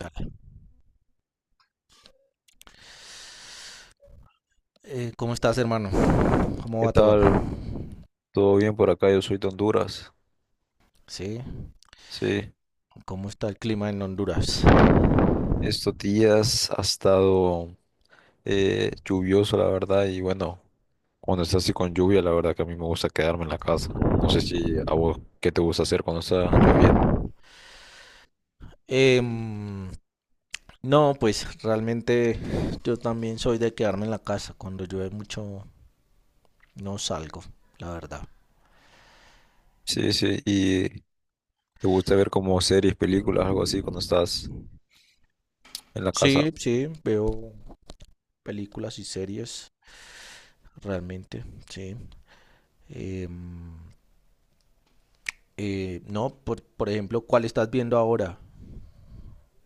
Dale. ¿Cómo estás, hermano? ¿Cómo ¿Qué va todo? tal? ¿Todo bien por acá? Yo soy de Honduras. Sí, Sí, ¿cómo está el clima en Honduras? estos días ha estado lluvioso, la verdad, y bueno, cuando está así con lluvia, la verdad que a mí me gusta quedarme en la casa. No sé si a vos, ¿qué te gusta hacer cuando está lloviendo? Em, no, pues realmente yo también soy de quedarme en la casa. Cuando llueve mucho no salgo, la verdad. Sí, sí, y te gusta ver como series, películas, algo así cuando estás en la casa. Sí, sí, veo películas y series, realmente, sí. Em, no, por ejemplo, ¿cuál estás viendo ahora?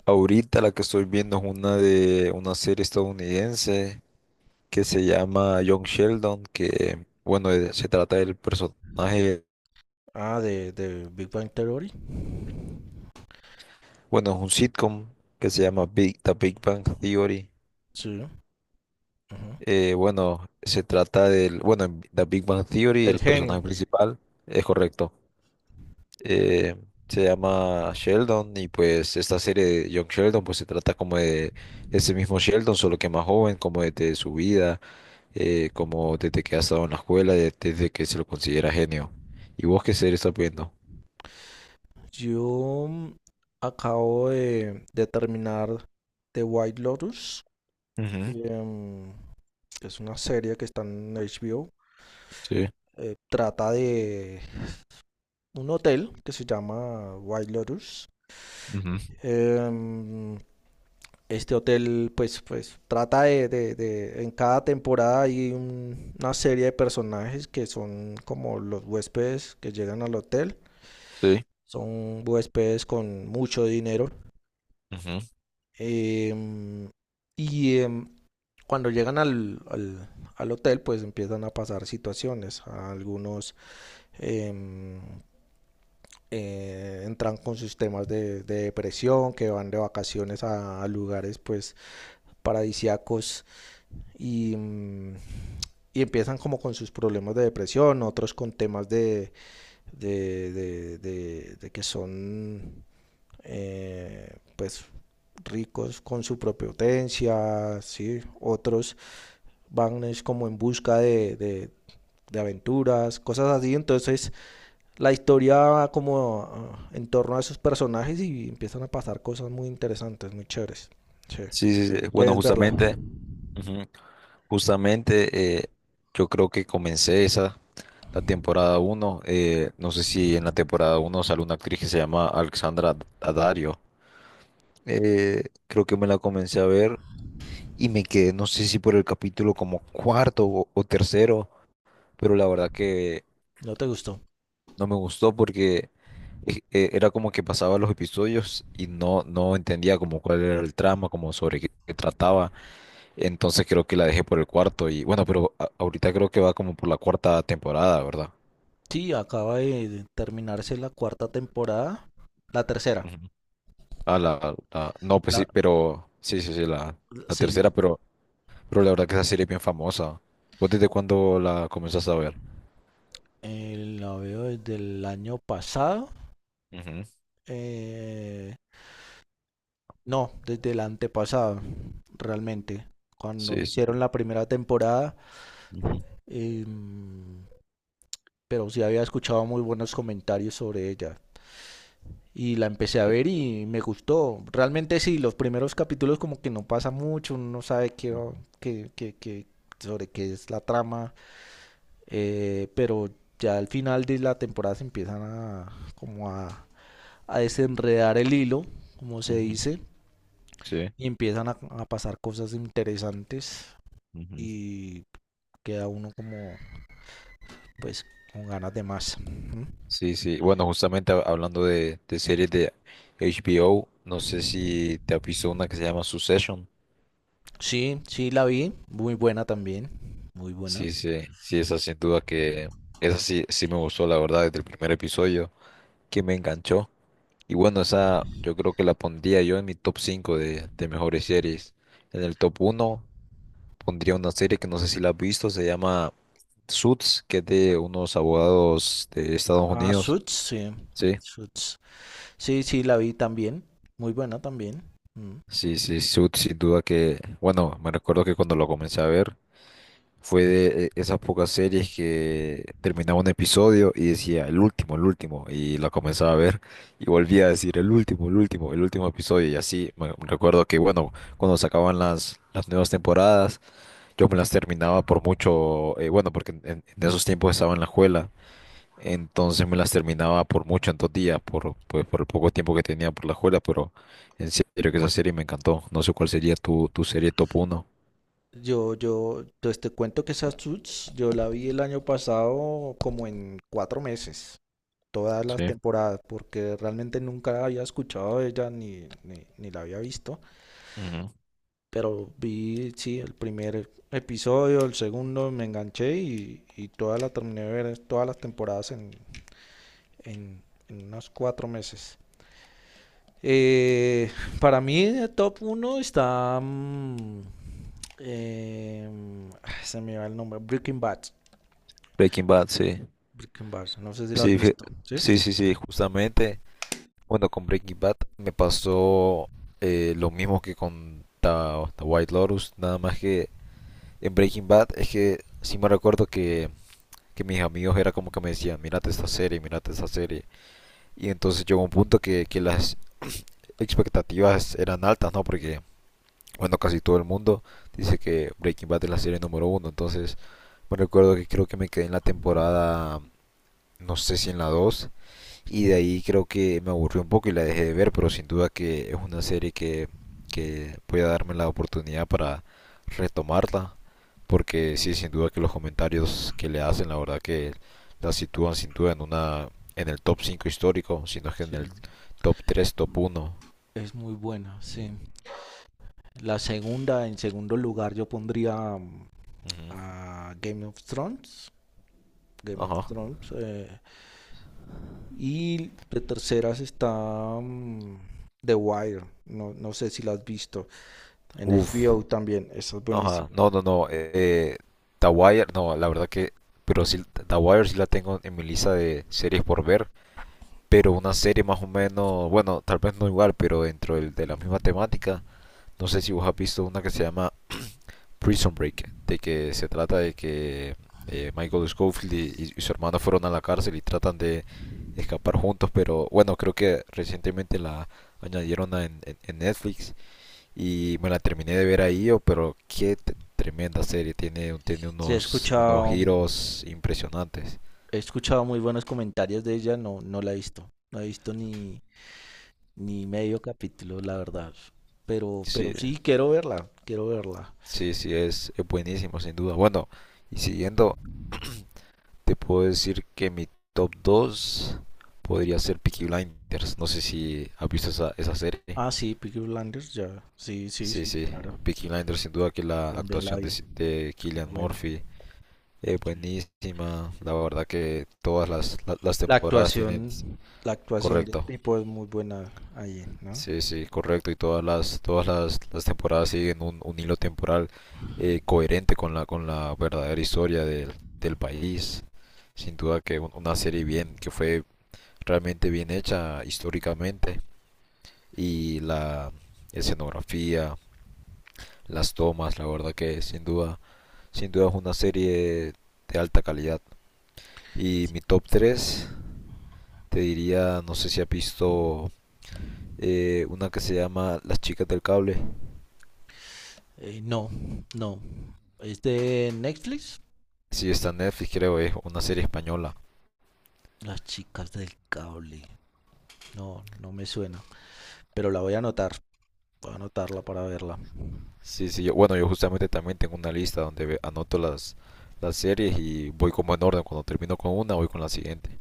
Ahorita la que estoy viendo es una de una serie estadounidense que se llama Young Sheldon, que bueno, se trata del personaje. Ah, de Big Bang Theory. Bueno, es un sitcom que se llama Big, The Big Bang Theory. Sí. Ujú. Bueno, se trata del, bueno, en The Big Bang Theory, Del el genio. personaje principal, es correcto. eh, Se llama Sheldon y pues esta serie de Young Sheldon pues se trata como de ese mismo Sheldon, solo que más joven, como desde su vida, como desde que ha estado en la escuela, desde que se lo considera genio. ¿Y vos qué serie estás viendo? Yo acabo de terminar The White Lotus, que Ujú. mm, es una serie que está en HBO. Sí, Eh, trata de un hotel que se llama White Lotus. ujú, Em, este hotel, pues, pues trata de en cada temporada hay una serie de personajes que son como los huéspedes que llegan al hotel. sí, Son huéspedes con mucho dinero. ujú. em, y em, Cuando llegan al hotel, pues empiezan a pasar situaciones. Algunos em, entran con sus temas de depresión, que van de vacaciones a lugares pues paradisíacos y y empiezan como con sus problemas de depresión, otros con temas de que son pues ricos con su propia potencia, ¿sí? Otros van es como en busca de aventuras, cosas así. Entonces la historia va como en torno a esos personajes y empiezan a pasar cosas muy interesantes, muy chéveres. Sí. Sí, sí, sí, bueno, Debes verla. justamente. Ujú. Justamente, yo creo que comencé esa, la temporada uno. Eh, no sé si en la temporada uno sale una actriz que se llama Alexandra Daddario. Creo que me la comencé a ver y me quedé, no sé si por el capítulo como cuarto o tercero, pero la verdad que ¿No te gustó? no me gustó porque era como que pasaba los episodios y no, no entendía como cuál era el trama, como sobre qué, qué trataba. Entonces creo que la dejé por el cuarto y bueno, pero ahorita creo que va como por la cuarta temporada, ¿verdad? Sí, acaba de terminarse la cuarta temporada. La tercera. Ujú. Ah, la, no, pues La, sí, pero sí, sí, sí, la sí, tercera, pero la verdad que esa serie es bien famosa. ¿Vos desde cuándo la comenzás a ver? La veo desde el año pasado. Ujú, eh, no, desde el antepasado, realmente. Cuando sí, hicieron la primera temporada, ujú, eh, pero sí había escuchado muy buenos comentarios sobre ella. Y la empecé a sí, ver y me gustó. Realmente sí, los primeros capítulos como que no pasa mucho, uno no sabe qué, ujú, qué- qué- qué- sobre qué es la trama, pero ya al final de la temporada se empiezan a como a desenredar el hilo, como se ujú, dice, sí, y empiezan a pasar cosas interesantes ujú. y queda uno como pues con ganas de más. Ujú. Sí. Sí. Bueno, justamente hablando de series de HBO, no sé si te has visto una que se llama Succession. Sí, sí, la vi. Muy buena también. Muy buena. Sí, sí, sí, esa sin duda que esa sí, sí me gustó, la verdad, desde el primer episodio, que me enganchó. Y bueno, esa yo creo que la pondría yo en mi top 5 de mejores series. En el top uno pondría una serie que no sé si la has visto, se llama Suits, que es de unos abogados de Estados Ah, Unidos. Suits, sí. Sí, Suits. Sí, sí, la vi también. Muy buena también. Mm. sí, sí, Suits sin duda que, bueno, me recuerdo que cuando lo comencé a ver, fue de esas pocas series que terminaba un episodio y decía el último, y la comenzaba a ver y volvía a decir el último, el último, el último episodio y así. Me recuerdo que, bueno, cuando sacaban las nuevas temporadas, yo me las terminaba por mucho, bueno, porque en esos tiempos estaba en la escuela, entonces me las terminaba por mucho en dos días, por, pues, por el poco tiempo que tenía por la escuela, pero en serio que esa serie me encantó. No sé cuál sería tu, tu serie top uno. Pues te cuento que esa Suits, yo la vi el año pasado como en cuatro meses. Todas las Sí. temporadas, porque realmente nunca había escuchado de ella ni la había visto. Ujú. Pero vi, sí, el primer episodio, el segundo, me enganché y toda la terminé de ver todas las temporadas en en unos cuatro meses. Eh, para mí, el top uno está. Eh, Se me va el nombre. Breaking Bad. Breaking Bad, sí. Breaking Bad. No sé si la has Sí, visto. ¿Sí? sí, sí, sí, justamente. Bueno, con Breaking Bad me pasó lo mismo que con The White Lotus, nada más que en Breaking Bad es que sí me recuerdo que mis amigos era como que me decían, mírate esta serie, mírate esta serie. Y entonces llegó un punto que las expectativas eran altas, ¿no? Porque, bueno, casi todo el mundo dice que Breaking Bad es la serie número uno. Entonces me recuerdo que creo que me quedé en la temporada, no sé si en la dos. Y de ahí creo que me aburrió un poco y la dejé de ver, pero sin duda que es una serie que voy a darme la oportunidad para retomarla, porque sí, sin duda que los comentarios que le hacen, la verdad que la sitúan sin duda en una, en el top 5 histórico, sino que en el Sí. top tres, top uno. Es muy buena, sí. La segunda, en segundo lugar, yo pondría Ujú. a Game of Thrones. Game of Ajá. Thrones. Y de terceras está The Wire. No, no sé si la has visto. En Uf. HBO también. Eso es buenísimo. Ajá. No, no, no. The Wire, no, la verdad que, pero sí, The Wire sí la tengo en mi lista de series por ver. Pero una serie más o menos, bueno, tal vez no igual, pero dentro de la misma temática, no sé si vos has visto una que se llama Prison Break, de que se trata de que Michael Scofield y su hermano fueron a la cárcel y tratan de escapar juntos, pero bueno, creo que recientemente la añadieron en Netflix y me la terminé de ver ahí, oh, pero qué tremenda serie, tiene, tiene Sí, he unos, unos escuchado, giros impresionantes. He escuchado muy buenos comentarios de ella, no, no la he visto. No he visto ni medio capítulo, la verdad. Sí, Pero sí, quiero verla, quiero verla. sí, sí, es buenísimo, sin duda. Bueno, y siguiendo, te puedo decir que mi top 2 podría ser Peaky Blinders. No sé si has visto esa, esa serie. Ah, sí, Peaky Blinders, ya. Sí, sí, Sí, sí, sí, claro. Peaky Blinders, sin duda que la También la actuación vi. De Es Cillian buena. Murphy es Sí. buenísima. La verdad que todas las, las temporadas tienen... La actuación del Correcto. tipo es muy buena ahí, ¿no? Sí, sí, correcto. Y todas las temporadas siguen un hilo temporal coherente con la verdadera historia del, del país. Sin duda que una serie bien, que fue realmente bien hecha históricamente. Y la escenografía, las tomas, la verdad que sin duda, sin duda es una serie de alta calidad. Y mi top 3 te diría, no sé si has visto una que se llama Las chicas del cable. No, no. ¿Es de Netflix? Sí, está en Netflix, creo, es una serie española. Las chicas del cable. No, no me suena. Pero la voy a anotar. Voy a anotarla para verla. Sí, sí, bueno, yo justamente también tengo una lista donde anoto las series y voy como en orden. Cuando termino con una, voy con la siguiente.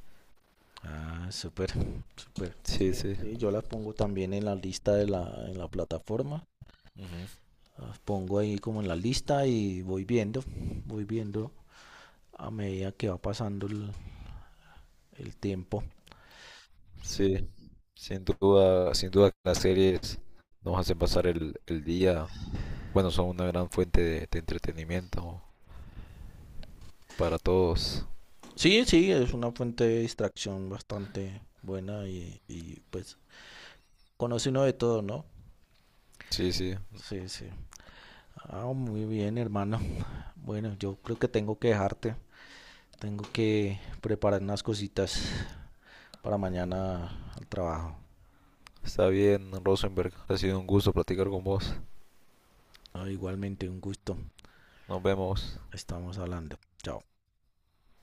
Ah, súper, Súper. Sí, Sí, sí. sí, yo la pongo también en la lista en la plataforma. Ujú. Las pongo ahí como en la lista y voy viendo a medida que va pasando el tiempo. Sí. Sí, sin duda, sin duda que las series nos hacen pasar el día. Bueno, son una gran fuente de entretenimiento para todos. Sí, sí, es una fuente de distracción bastante buena y pues conoce uno de todo, ¿no? Sí, sí. Sí, sí. Ah, muy bien, hermano. Bueno, yo creo que tengo que dejarte. Tengo que preparar unas cositas para mañana al trabajo. Está bien, Rosenberg. Ha sido un gusto platicar con vos. Ah, igualmente un gusto. Nos vemos. Estamos hablando. Chao.